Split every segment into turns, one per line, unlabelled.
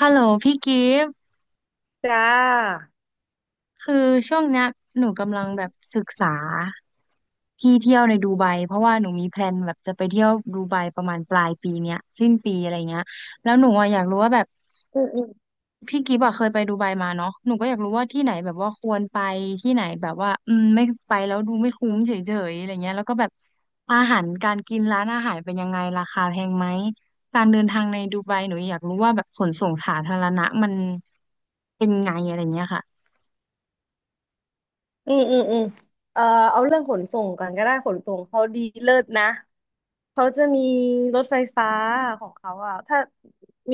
ฮัลโหลพี่กิฟต์
จ้า
คือช่วงเนี้ยหนูกำลังแบบศึกษาที่เที่ยวในดูไบเพราะว่าหนูมีแพลนแบบจะไปเที่ยวดูไบประมาณปลายปีเนี้ยสิ้นปีอะไรเงี้ยแล้วหนูอะอยากรู้ว่าแบบพี่กิฟต์อะเคยไปดูไบมาเนาะหนูก็อยากรู้ว่าที่ไหนแบบว่าควรไปที่ไหนแบบว่าไม่ไปแล้วดูไม่คุ้มเฉยๆอะไรเงี้ยแล้วก็แบบอาหารการกินร้านอาหารเป็นยังไงราคาแพงไหมการเดินทางในดูไบหนูอยากรู้ว่าแบบขนส่งสาธารณะมันเป็นไงอะไรเงี้ยค่ะ
อืมอืมอืมเอ่อเอาเรื่องขนส่งก่อนก็ได้ขนส่งเขาดีเลิศนะ เขาจะมีรถไฟฟ้าของเขาอ่ะถ้า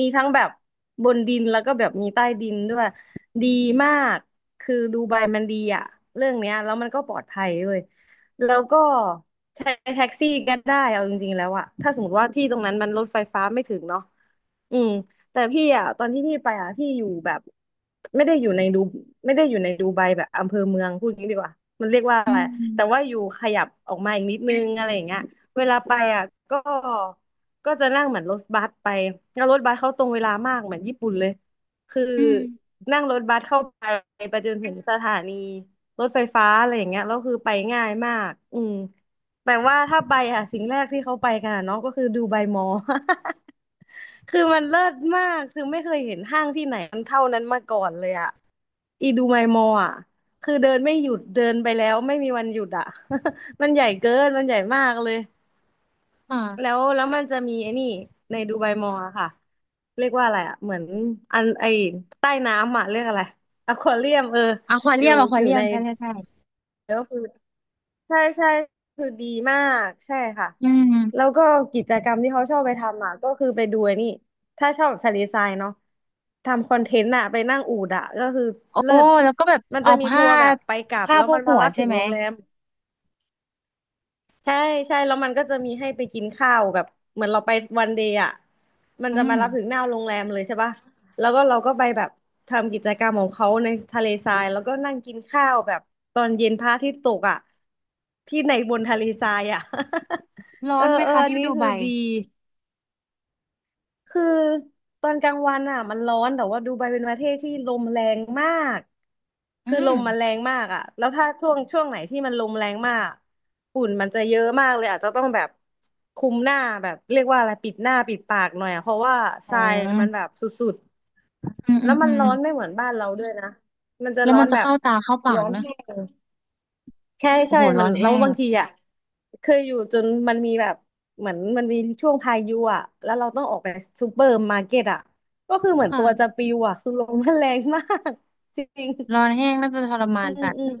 มีทั้งแบบบนดินแล้วก็แบบมีใต้ดินด้วยดีมากคือดูไบมันดีอ่ะเรื่องเนี้ยแล้วมันก็ปลอดภัยด้วยแล้วก็ใช้แท็กซี่ก็ได้เอาจริงๆแล้วอ่ะถ้าสมมติว่าที่ตรงนั้นมันรถไฟฟ้าไม่ถึงเนาะอืมแต่พี่อ่ะตอนที่พี่ไปอ่ะพี่อยู่แบบไม่ได้อยู่ในดูไม่ได้อยู่ในดูไบแบบอำเภอเมืองพูดงี้ดีกว่ามันเรียกว่า
อื
อะไร
ม
แต่ว่าอยู่ขยับออกมาอีกนิดนึงอะไรอย่างเงี้ย เวลาไปอ่ะก็จะนั่งเหมือนรถบัสไปแล้วรถบัสเขาตรงเวลามากเหมือนญี่ปุ่นเลยคือ
อืม
นั่งรถบัสเข้าไปไปจนถึงสถานีรถไฟฟ้าอะไรอย่างเงี้ยแล้วคือไปง่ายมากอืมแต่ว่าถ้าไปอ่ะสิ่งแรกที่เขาไปกันอะเนาะก็คือดูใบมอ คือมันเลิศมากคือไม่เคยเห็นห้างที่ไหนมันเท่านั้นมาก่อนเลยอ่ะอีดูไบมอลอ่ะคือเดินไม่หยุดเดินไปแล้วไม่มีวันหยุดอ่ะ มันใหญ่เกินมันใหญ่มากเลย แล้
ค่ะ
วแล้วมันจะมีไอ้นี่ในดูไบมอลอะค่ะเรียกว่าอะไรอะเหมือนอันไอใต้น้ำอะเรียกอะไรอควาเรียมเออ
อควา
อ
เรีย
ยู่
มอควา
อยู่
เรียม
ใน
ใช่ใช่ใช่
ก็คือใช่ใช่คือดีมากใช่ค่ะ
อืม
แล้วก็กิจกรรมที่เขาชอบไปทำอะก็คือไปดูไอ้นี่ถ้าชอบแบบทะเลทรายเนาะทำคอน
ค่ะ
เทนต์อะไปนั่งอูฐอะก็คือ
โอ้
เลิศ
แล้วก็แบบ
มัน
เอา
จะมีทั
ผ้า
วร์แบบไปกลับ
ผ้า
แล้ว
โพ
มั
ก
น
หั
มา
ว
รับ
ใช่
ถึง
ไหม
โรงแรม ใช่ใช่แล้วมันก็จะมีให้ไปกินข้าวแบบเหมือนเราไปวันเดย์อ่ะมัน
อื
จะมา
ม
รับถึงหน้าโรงแรมเลยใช่ป่ะแล้วก็เราก็ไปแบบทำกิจกรรมของเขาในทะเลทรายแล้วก็นั่งกินข้าวแบบตอนเย็นพระอาทิตย์ตกอ่ะที่ในบนทะเลทรายอ่ะ
ร้อ
เออ
นไหม
เออ
คะ
อัน
ที่
นี้
ดู
คื
ไบ
อดี คือตอนกลางวันอ่ะมันร้อนแต่ว่าดูไบเป็นประเทศที่ลมแรงมาก
อื
คือล
ม
มมันแรงมากอ่ะแล้วถ้าช่วงไหนที่มันลมแรงมากฝุ่นมันจะเยอะมากเลยอาจจะต้องแบบคุมหน้าแบบเรียกว่าอะไรปิดหน้าปิดปากหน่อยอ่ะเพราะว่าท
อ๋อ
รายมันแบบสุด
อืม
ๆ
อื
แล้ว
ม
มั
อื
น
ม
ร้อนไม่เหมือนบ้านเราด้วยนะมันจะ
แล้ว
ร้อ
มัน
น
จะ
แบบ
เข้าตาเข้าปา
ร้อ
ก
น
นะ
แห้ง ใช่
โอ้
ใช่
โหร้
มั
อ
น
น
แล้
แห้
ว
ง
บางทีอ่ะเคยอยู่จนมันมีแบบเหมือนมันมีช่วงพายุอ่ะแล้วเราต้องออกไปซูเปอร์มาร์เก็ตอ่ะก็คือเหมือนตัวจะ
ค่ะ
ปลิวอ่ะคือลมมันแรงมาก จริง
ร้อนแห้งน่าจะทรมา
อื
น
ม
จัด
อืม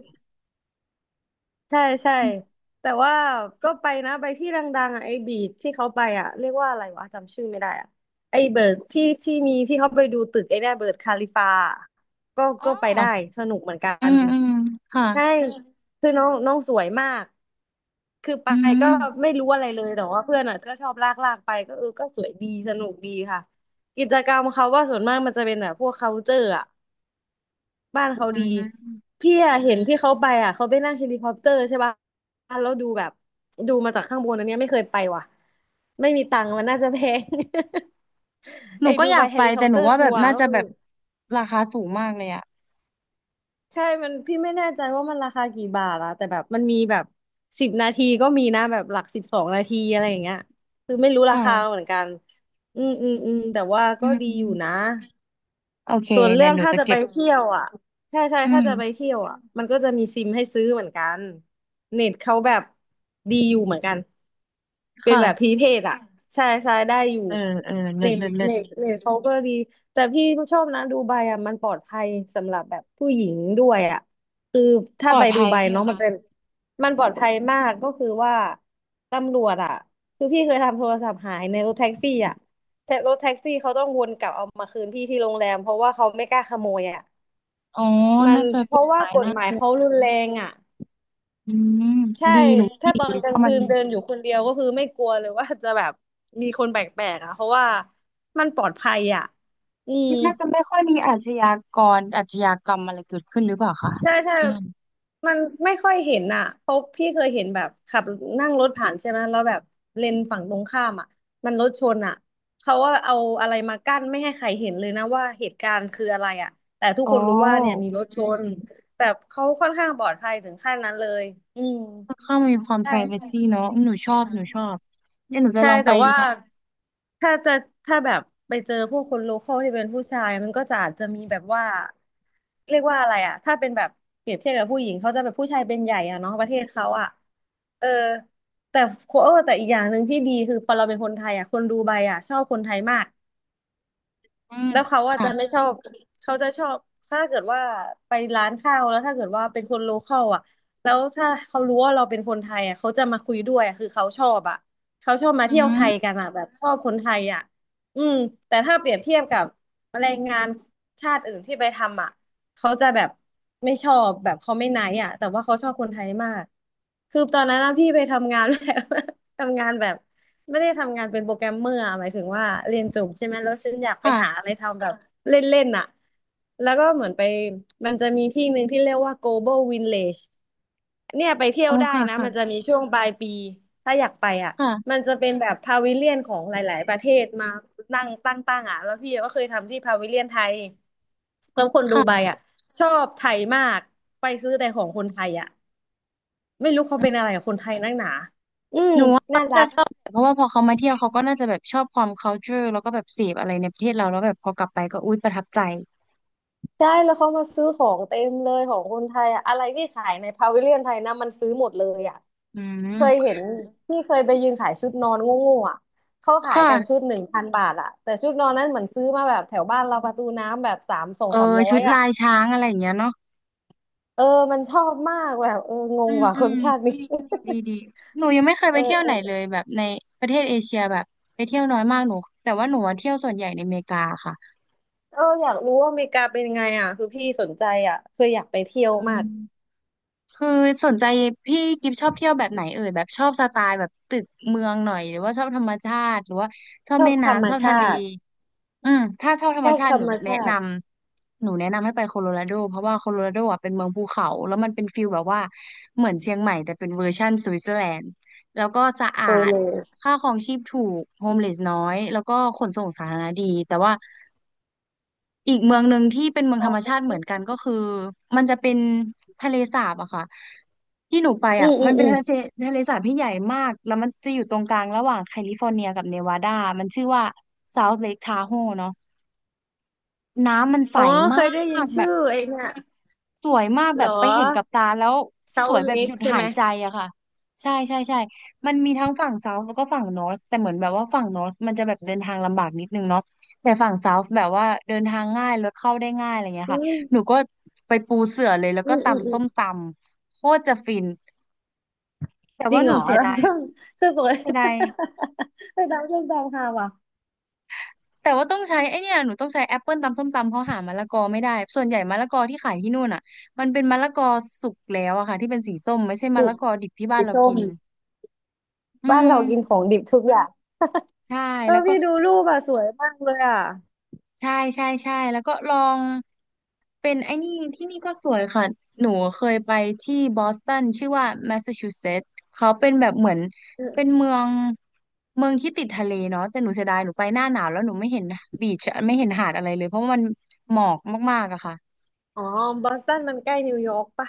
ใช่ใช่
อืม
แต่ว่าก็ไปนะไปที่ดังๆอ่ะไอ้บีชที่เขาไปอ่ะเรียกว่าอะไรวะจำชื่อไม่ได้อ่ะไอ้เบิร์ดที่มีที่เขาไปดูตึกไอ้เนี่ยเบิร์ดคาลิฟาอะก็
อ๋อ
ก็ไปได้สนุกเหมือนกั
อื
น
มอืมค่ะ
ใช่คือน้องน้องสวยมากคือไป
อื
ก็
ม
ไม่รู้อะไรเลย แต่ว่าเพื่อนอ่ะก็ชอบลากไปก็เออก็สวยดีสนุกดีค่ะกิจกรรมเขาว่าส่วนมากมันจะเป็นแบบพวก culture อ่ะบ้านเขา
อื
ดี
ม
พี่อะเห็นที่เขาไปอ่ะเขาไปนั่งเฮลิคอปเตอร์ใช่ป่ะแล้วดูแบบดูมาจากข้างบนอันเนี้ยไม่เคยไปว่ะ ไม่มีตังค์มันน่าจะแพง
ห นู
ไอ้
ก็
ดู
อยา
ไบ
ก
เฮ
ไป
ลิคอ
แต่
ป
ห
เต
นู
อร์
ว่า
ทั
แบบ
วร์
น่า
ก็
จะ
คื
แบ
อ
บราคาสูงมากเลยอะ
ใช่มันพี่ไม่แน่ใจว่ามันราคากี่บาทอะแต่แบบมันมีแบบสิบนาทีก็มีนะ แบบหลักสิบสองนาทีอะไรอย่างเงี้ยคือไม่รู้
ค
ราคาเหมือ
่ะ
นกัน อืมอืมอืมแต่ว่า
อื
ก็
ม
ดี
อื
อ
ม
ยู่นะ
โอเค
ส่วนเรื่
เดี๋ย
อ
ว
ง
หนู
ถ้า
จะ
จะ
เก็
ไป
บ
เที่ยวอ่ะ ใช่ใช่
อื
ถ้า
ม
จะไปเที่ยวอ่ะมันก็จะมีซิมให้ซื้อเหมือนกัน เน็ตเขาแบบดีอยู่เหมือนกัน เป็นแบบพรี
ค่ะ
เพดอ่ะใช่ใช่ได้อยู่
เออเออเลิ
เน็
ศ
ต
เลิศเลิศ
เน็ตเขาก็ดี แต่พี่ชอบนะดูไบอ่ะมันปลอดภัยสำหรับแบบผู้หญิงด้วยอ่ะคือ
ป
ถ้า
ลอ
ไป
ด
ดู
ภัย
ไบ
ใช่ไหม
เนาะมัน
คะ
เป็นมันปลอดภัยมากก็คือว่าตำรวจอ่ะคือพี่เคยทำโทรศัพท์หายในรถแท็กซี่อ่ะ แท็กรถแท็กซี่เขาต้องวนกลับเอามาคืนพี่ที่โรงแรมเพราะว่าเขาไม่กล้าขโมยอ่ะ
อ๋อ
มัน
น่าจะ
เพ
กฎ
ราะ
ห
ว่า
มาย
กฎ
น่า
หมา
ก
ย
ลัว
เขารุนแรงอ่ะ
อืม
ใช่
ดีหนูว่าดี
ถ้าตอนก
เพ
ลาง
ราะมั
คื
น
นเดินอยู่คนเดียวก็คือไม่กลัวเลยว่าจะแบบมีคนแปลกๆอ่ะเพราะว่ามันปลอดภัยอ่ะอืม
น่าจะไม่ค่อยมีอาชญากรอาชญากรรมอะไรเกิดขึ้นหรือเปล่าคะ
ใช่ใช่
ที่นั่น
มันไม่ค่อยเห็นอ่ะเพราะพี่เคยเห็นแบบขับนั่งรถผ่านใช่ไหมแล้วแบบเลนฝั่งตรงข้ามอ่ะมันรถชนอ่ะเขาว่าเอาอะไรมากั้นไม่ให้ใครเห็นเลยนะว่าเหตุการณ์คืออะไรอ่ะแต่ทุก
โอ้
คนรู้ว่าเนี่ยมีรถชนแบบเขาค่อนข้างปลอดภัยถึงขั้นนั้นเลยอืม
ค่อนข้างมีความ
ใช่ใช่
privacy เนอะอืมหนูชอบหนูชอบเดี๋ยวหนูจะ
ใช่
ลองไป
แต่
ดู
ว่า
ค่ะ
ถ้าจะถ้าแบบไปเจอพวกคนโลคอลที่เป็นผู้ชายมันก็จะอาจจะมีแบบว่าเรียกว่าอะไรอะถ้าเป็นแบบเปรียบเทียบกับผู้หญิงเขาจะแบบผู้ชายเป็นใหญ่อะเนาะประเทศเขาอะเออแต่โคเออแต่อีกอย่างหนึ่งที่ดีคือพอเราเป็นคนไทยอะคนดูไบอะชอบคนไทยมาก
อืม
แล้วเขาอาจ
ค่ะ
จะไม่ชอบเขาจะชอบถ้าเกิดว่าไปร้านข้าวแล้วถ้าเกิดว่าเป็นคนโลคอลอ่ะแล้วถ้าเขารู้ว่าเราเป็นคนไทยอ่ะเขาจะมาคุยด้วยอะคือเขาชอบอ่ะเขาชอบมา
อื
เที่ยวไทย
ม
กันอ่ะแบบชอบคนไทยอ่ะอืมแต่ถ้าเปรียบเทียบกับแรงงานชาติอื่นที่ไปทำอ่ะเขาจะแบบไม่ชอบแบบเขาไม่ไนท์อ่ะแต่ว่าเขาชอบคนไทยมากคือตอนนั้นนะพี่ไปทำงาน แบบ ทำงานแบบ ไม่ได้ทำงานเป็นโปรแกรมเมอร์อะหมายถึงว่าเรียนจบใช่ไหมแล้วฉันอยากไปหา
ค่ะ
อะไรทำแบบเล่นๆอ่ะแล้วก็เหมือนไปมันจะมีที่หนึ่งที่เรียกว่า Global Village เนี่ยไปเที่ยว
อ๋อ
ได้
ค่ะ
นะมันจะ
ค่ะ
มีช่วงปลายปีถ้าอยากไปอ่ะ
ค่ะ
มันจะเป็นแบบพาวิเลียนของหลายๆประเทศมานั่งตั้งๆอ่ะแล้วพี่ก็เคยทำที่พาวิเลียนไทยแล้วคนดูไบ
ค่ะ
อ่ะชอบไทยมากไปซื้อแต่ของคนไทยอ่ะไม่รู้เขาเป็นอะไรกับคนไทยนักหนาอืม
หนูว่าเขา
น่ารั
จะ
ก
ชอบแบบเพราะว่าพอเขามาเที่ยวเขาก็น่าจะแบบชอบความ culture แล้วก็แบบเสพอะไรในประเทศเราแล้วแบบพอกลับไปก็อุ๊ยประทับใจ
ใช่แล้วเขามาซื้อของเต็มเลยของคนไทยอะอะไรที่ขายในพาวิเลียนไทยนะมันซื้อหมดเลยอ่ะ
อื
เคย
ม
เห็นที่เคยไปยืนขายชุดนอนโง่ๆอ่ะเขา
ค
ขายกันชุด
่ะ
1,000 บาทอ่ะแต่ชุดนอนนั้นเหมือนซื้อมาแบบแถวบ้านเราประตูน้ำแบบสามสอง
เออ
สามร้อ
ชุ
ย
ด
อ่ะ
ลายช้างอะไรอย่างเงี้ยเนาะ
เออมันชอบมากแบบเออง
อื
ง
ม
ว่ะ
อื
คน
ม
ชาตินี้
ดีดีดีหนูยังไม่เคย ไป
เออ
เที่ยว
เอ
ไหนเล
อ
ยแบบในประเทศเอเชียแบบไปเที่ยวน้อยมากหนูแต่ว่าหนูว่าเที่ยวส่วนใหญ่ในอเมริกาค่ะ
เอออยากรู้ว่าอเมริกาเป็นไงอ่ะคือพี่สนใจอ่ะคืออยากไปเที่ยว
อื
มาก
มคือสนใจพี่กิฟชอบเที่ยวแบบไหนเอ่ยแบบชอบสไตล์แบบตึกเมืองหน่อยหรือว่าชอบธรรมชาติหรือว่าชอบ
ชอบ
แม่
ธรรม
น้ำชอบ
ชา
ทะเล
ติ
อืมถ้าชอบธร
ช
รม
อบ
ชา
ธ
ติ
ร
หนู
รม
แนะ
ชา
น
ติ
ำหนูแนะนำให้ไปโคโลราโดเพราะว่าโคโลราโดอ่ะเป็นเมืองภูเขาแล้วมันเป็นฟิลแบบว่าเหมือนเชียงใหม่แต่เป็นเวอร์ชั่นสวิตเซอร์แลนด์แล้วก็สะอา
โป
ด
โล
ค่าครองชีพถูกโฮมเลสน้อยแล้วก็ขนส่งสาธารณะดีแต่ว่าอีกเมืองหนึ่งที่เป็นเมืองธรรมชาติเหมือนกันก็คือมันจะเป็นทะเลสาบอะค่ะที่หนูไป
อื
อ่ะ
มอื
มั
ม
นเป็
อื
น
ม
ทะเลสาบที่ใหญ่มากแล้วมันจะอยู่ตรงกลางระหว่างแคลิฟอร์เนียกับเนวาดามันชื่อว่า South Lake Tahoe เนอะ น้ำมันใส
อ๋อเค
มา
ยได้ยิน
กแบ
ชื่
บ
อไอ้เนี่ย
สวยมากแบ
เหร
บ
อ
ไปเห็นกับตาแล้ว
เซา
สวยแบบ
เล็
ห
ก
ยุด
ใช่
หา
ไหม
ยใจอะค่ะใช่ใช่ใช่มันมีทั้งฝั่งเซาท์แล้วก็ฝั่งนอร์ h แต่เหมือนแบบว่าฝั่งนอร์ h มันจะแบบเดินทางลำบากนิดนึงเนาะแต่ฝั่งเซาท์แบบว่าเดินทางง่ายรถเข้าได้ง่ายอะไรเงี้ย
อื
ค่ะหนู
ม
ก็ไปปูเสื่อเลยแล้ว
อื
ก็
มอืมอื
ตำส้
ม
มตำโคตรจะฟินแต่
จริ
ว่า
ง
ห
เหร
นู
อ
เสีย
แล้ว
ดาย
ช่อ งช่องตัว
เสียดาย
ไปตามช่องตามค่ะว่ะ
แต่ว่าต้องใช้ไอเนี่ยหนูต้องใช้แอปเปิลตำส้มตำเขาหามะละกอไม่ได้ส่วนใหญ่มะละกอที่ขายที่นู่นอ่ะมันเป็นมะละกอสุกแล้วอะค่ะที่เป็นสีส้มไม่ใช่มะ
ถู
ละ
ก
กอดิบที่บ้า
สี
นเรา
ส้
กิ
ม
นอื
บ้าน
ม
เรากินของดิบทุกอย่าง
ใช่
เอ
แล้
อ
วก็
พี่ดูรูปอ่ะสวยมากเลยอ่ะ
ใช่ใช่ใช่แล้วก็ลองเป็นไอ้นี่ที่นี่ก็สวยค่ะหนูเคยไปที่บอสตันชื่อว่าแมสซาชูเซตส์เขาเป็นแบบเหมือน
อื
เป็น
ม
เมืองที่ติดทะเลเนาะแต่หนูเสียดายหนูไปหน้าหนาวแล้วหนูไม่เห็นบีชไม่เห็นหาดอะไรเลยเพราะว่ามันหมอกมากๆอะค่ะ
อ๋อบอสตันมันใกล้นิวยอร์กปะ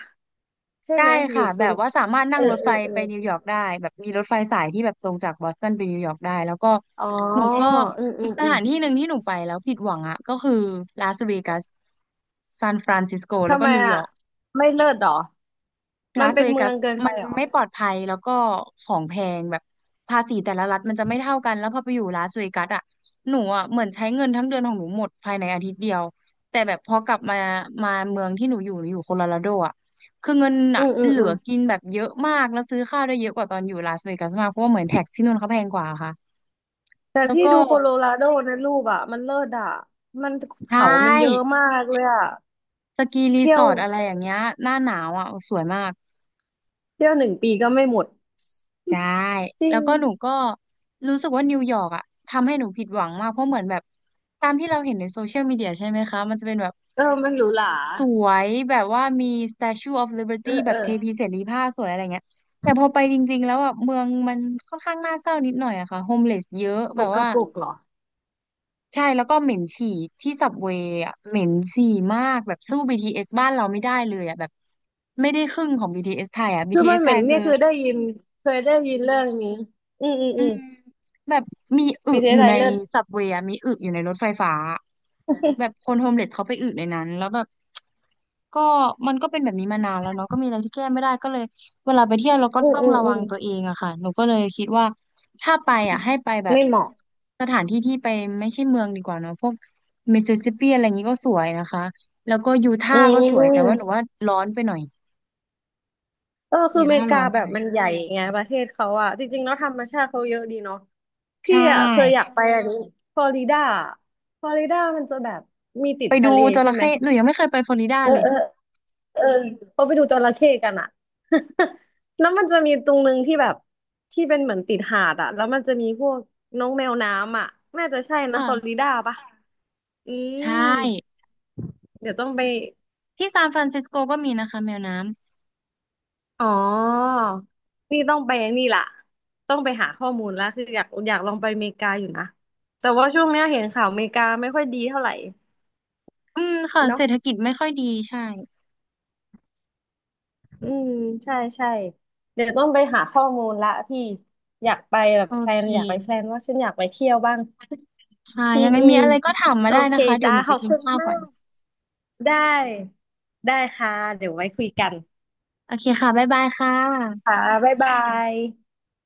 ใช่
ได้
ไหมอยู่
ค่ะ
โซ
แบบ
น
ว่าสามารถ
เอ
นั่
อ
งรถ
เอ
ไฟ
อเออ
ไปนิวยอร์กได้แบบมีรถไฟสายที่แบบตรงจากบอสตันไปนิวยอร์กได้แล้วก็
อ๋อ
หนูก็
อืมอืม
ส
อืม
ถานที่หนึ่งที่หนูไปแล้วผิดหวังอ่ะก็คือลาสเวกัสซานฟรานซิสโกแล้ว
ทำ
ก็
ไม
นิวย
อ่ะ
อร์ก
ไม่เลิศเหรอ มั
ลา
น
ส
เป็
เว
นเมื
กั
อ
ส
งเกินไป
มัน
เหรอ
ไม่ปลอดภัยแล้วก็ของแพงแบบภาษีแต่ละรัฐมันจะไม่เท่ากันแล้วพอไปอยู่ลาสเวกัสอ่ะหนูอ่ะเหมือนใช้เงินทั้งเดือนของหนูหมดภายในอาทิตย์เดียวแต่แบบพอกลับมาเมืองที่หนูอยู่หนูอยู่โคโลราโดอ่ะคือเงิน
อื
อ่ะ
มอืม
เหลื
อื
อ
ม
กินแบบเยอะมากแล้วซื้อข้าวได้เยอะกว่าตอนอยู่ลาสเวกัสมากเพราะว่าเหมือนแท็กที่นู่นเขาแพงกว่าค่ะ
แต่
แล้ว
พี่
ก็
ดูโคโลราโดนะรูปอ่ะมันเลิศอ่ะมัน
ใช
เขามันเยอะ
่
มากเลยอ่ะ
สกีรี
เที่
ส
ยว
อร์ทอะไรอย่างเงี้ยหน้าหนาวอ่ะสวยมาก
เที่ยวหนึ่งปีก็ไม่หมด
ใช่
จริ
แล้ว
ง
ก็หนูก็รู้สึกว่านิวยอร์กอะทำให้หนูผิดหวังมากเพราะเหมือนแบบตามที่เราเห็นในโซเชียลมีเดียใช่ไหมคะมันจะเป็นแบบ
เออมันหรูหรา
สวยแบบว่ามี Statue of
เอ
Liberty
อ
แบ
เอ
บ
อ
เทพีเสรีภาพสวยอะไรเงี้ยแต่พอไปจริงๆแล้วอะเมืองมันค่อนข้างน่าเศร้านิดหน่อยอะค่ะโฮมเลสเยอะ
ป
แบ
ก
บ
ก
ว่า
ระปุกเหรอ
ใช่แล้วก็เหม็นฉี่ที่สับเวย์อะเหม็นฉี่มากแบบสู้ BTS บ้านเราไม่ได้เลยอะแบบไม่ได้ครึ่งของบีทีเอสไทยอะบี
คือ
ทีเอ
มัน
ส
เห
ไท
ม็
ย
นเนี่
คือ
ยคือได้ยินเคยได้ยินเรื่องนี้อืมอืม
อื
อืม
มแบบมีอึ
มีเท
อ
ส
ยู่
ไทย
ใน
เลิศ
สับเวย์มีอึอยู่ในรถไฟฟ้าแบบคนโฮมเลสเขาไปอึในนั้นแล้วแบบก็มันก็เป็นแบบนี้มานานแล้วเนาะก็มีอะไรที่แก้ไม่ได้ก็เลยเวลาไปเที่ยวเราก็
อืม
ต้อง
อืม
ระ
อื
วั
ม
งตัวเองอะค่ะหนูก็เลยคิดว่าถ้าไปอะให้ไปแบบ
ไม่เหมาะ
สถานที่ที่ไปไม่ใช่เมืองดีกว่าเนาะพวกมิสซิสซิปปีอะไรอย่างนี้ก็สวยนะคะแล้วก็ยูทา
อื
ห์ก็สวยแต่ว่า
ม
หนูว่าร้อนไปหน่อย
เออคือ
ยู
อเม
ทา
ริ
ห์ร้
กา
อนไป
แบ
ห
บ
น่อย
มันใหญ่ไงประเทศเขาอ่ะจริงๆแล้วธรรมชาติเขาเยอะดีเนาะ
ใช
พี่อ่ะเคยอยา
่
กไปอันนี้ฟลอริดาฟลอริดามันจะแบบมีติด
ไปดู
ทะเล
จ
ใช่
ระ
ไหม
เข้หนูยังไม่เคยไปฟลอริดา
เอ
เล
อ
ย
เออเออเขาไปดูจระเข้กันอ่ะ แล้วมันจะมีตรงนึงที่แบบที่เป็นเหมือนติดหาดอ่ะแล้วมันจะมีพวกน้องแมวน้ำอ่ะน่าจะใช่นะฟลอริ
ค่ะ
ดาปะอื
ใช่
มเดี๋ยวต้องไป
ที่ซานฟรานซิสโกก็มีนะคะแมวน้
อ๋อนี่ต้องไปนี่ล่ะต้องไปหาข้อมูลแล้วคืออยากอยากลองไปอเมริกาอยู่นะแต่ว่าช่วงเนี้ยเห็นข่าวอเมริกาไม่ค่อยดีเท่าไหร่
ำอืมค่ะเศ
เนาะ
รษฐกิจไม่ค่อยดีใช่
อืมใช่ใช่เดี๋ยวต้องไปหาข้อมูลละพี่อยากไปแบบ
โอ
แพล
เค
นอยากไปแพลนว่าฉันอยากไปเที่ยวบ้าง
ค่ะ
อื
ยั
ม
งไง
อื
มี
ม
อะไรก็ถามมา
โอ
ได้
เค
นะคะเดี๋ยว
จ้า
หนู
ข
ไป
อบ
กิน
คุณ
ข้าว
มา
ก่อน
กได้ได้ค่ะเดี๋ยวไว้คุยกัน
โอเคค่ะบ๊ายบายค่ะ
ค่ะบ๊ายบาย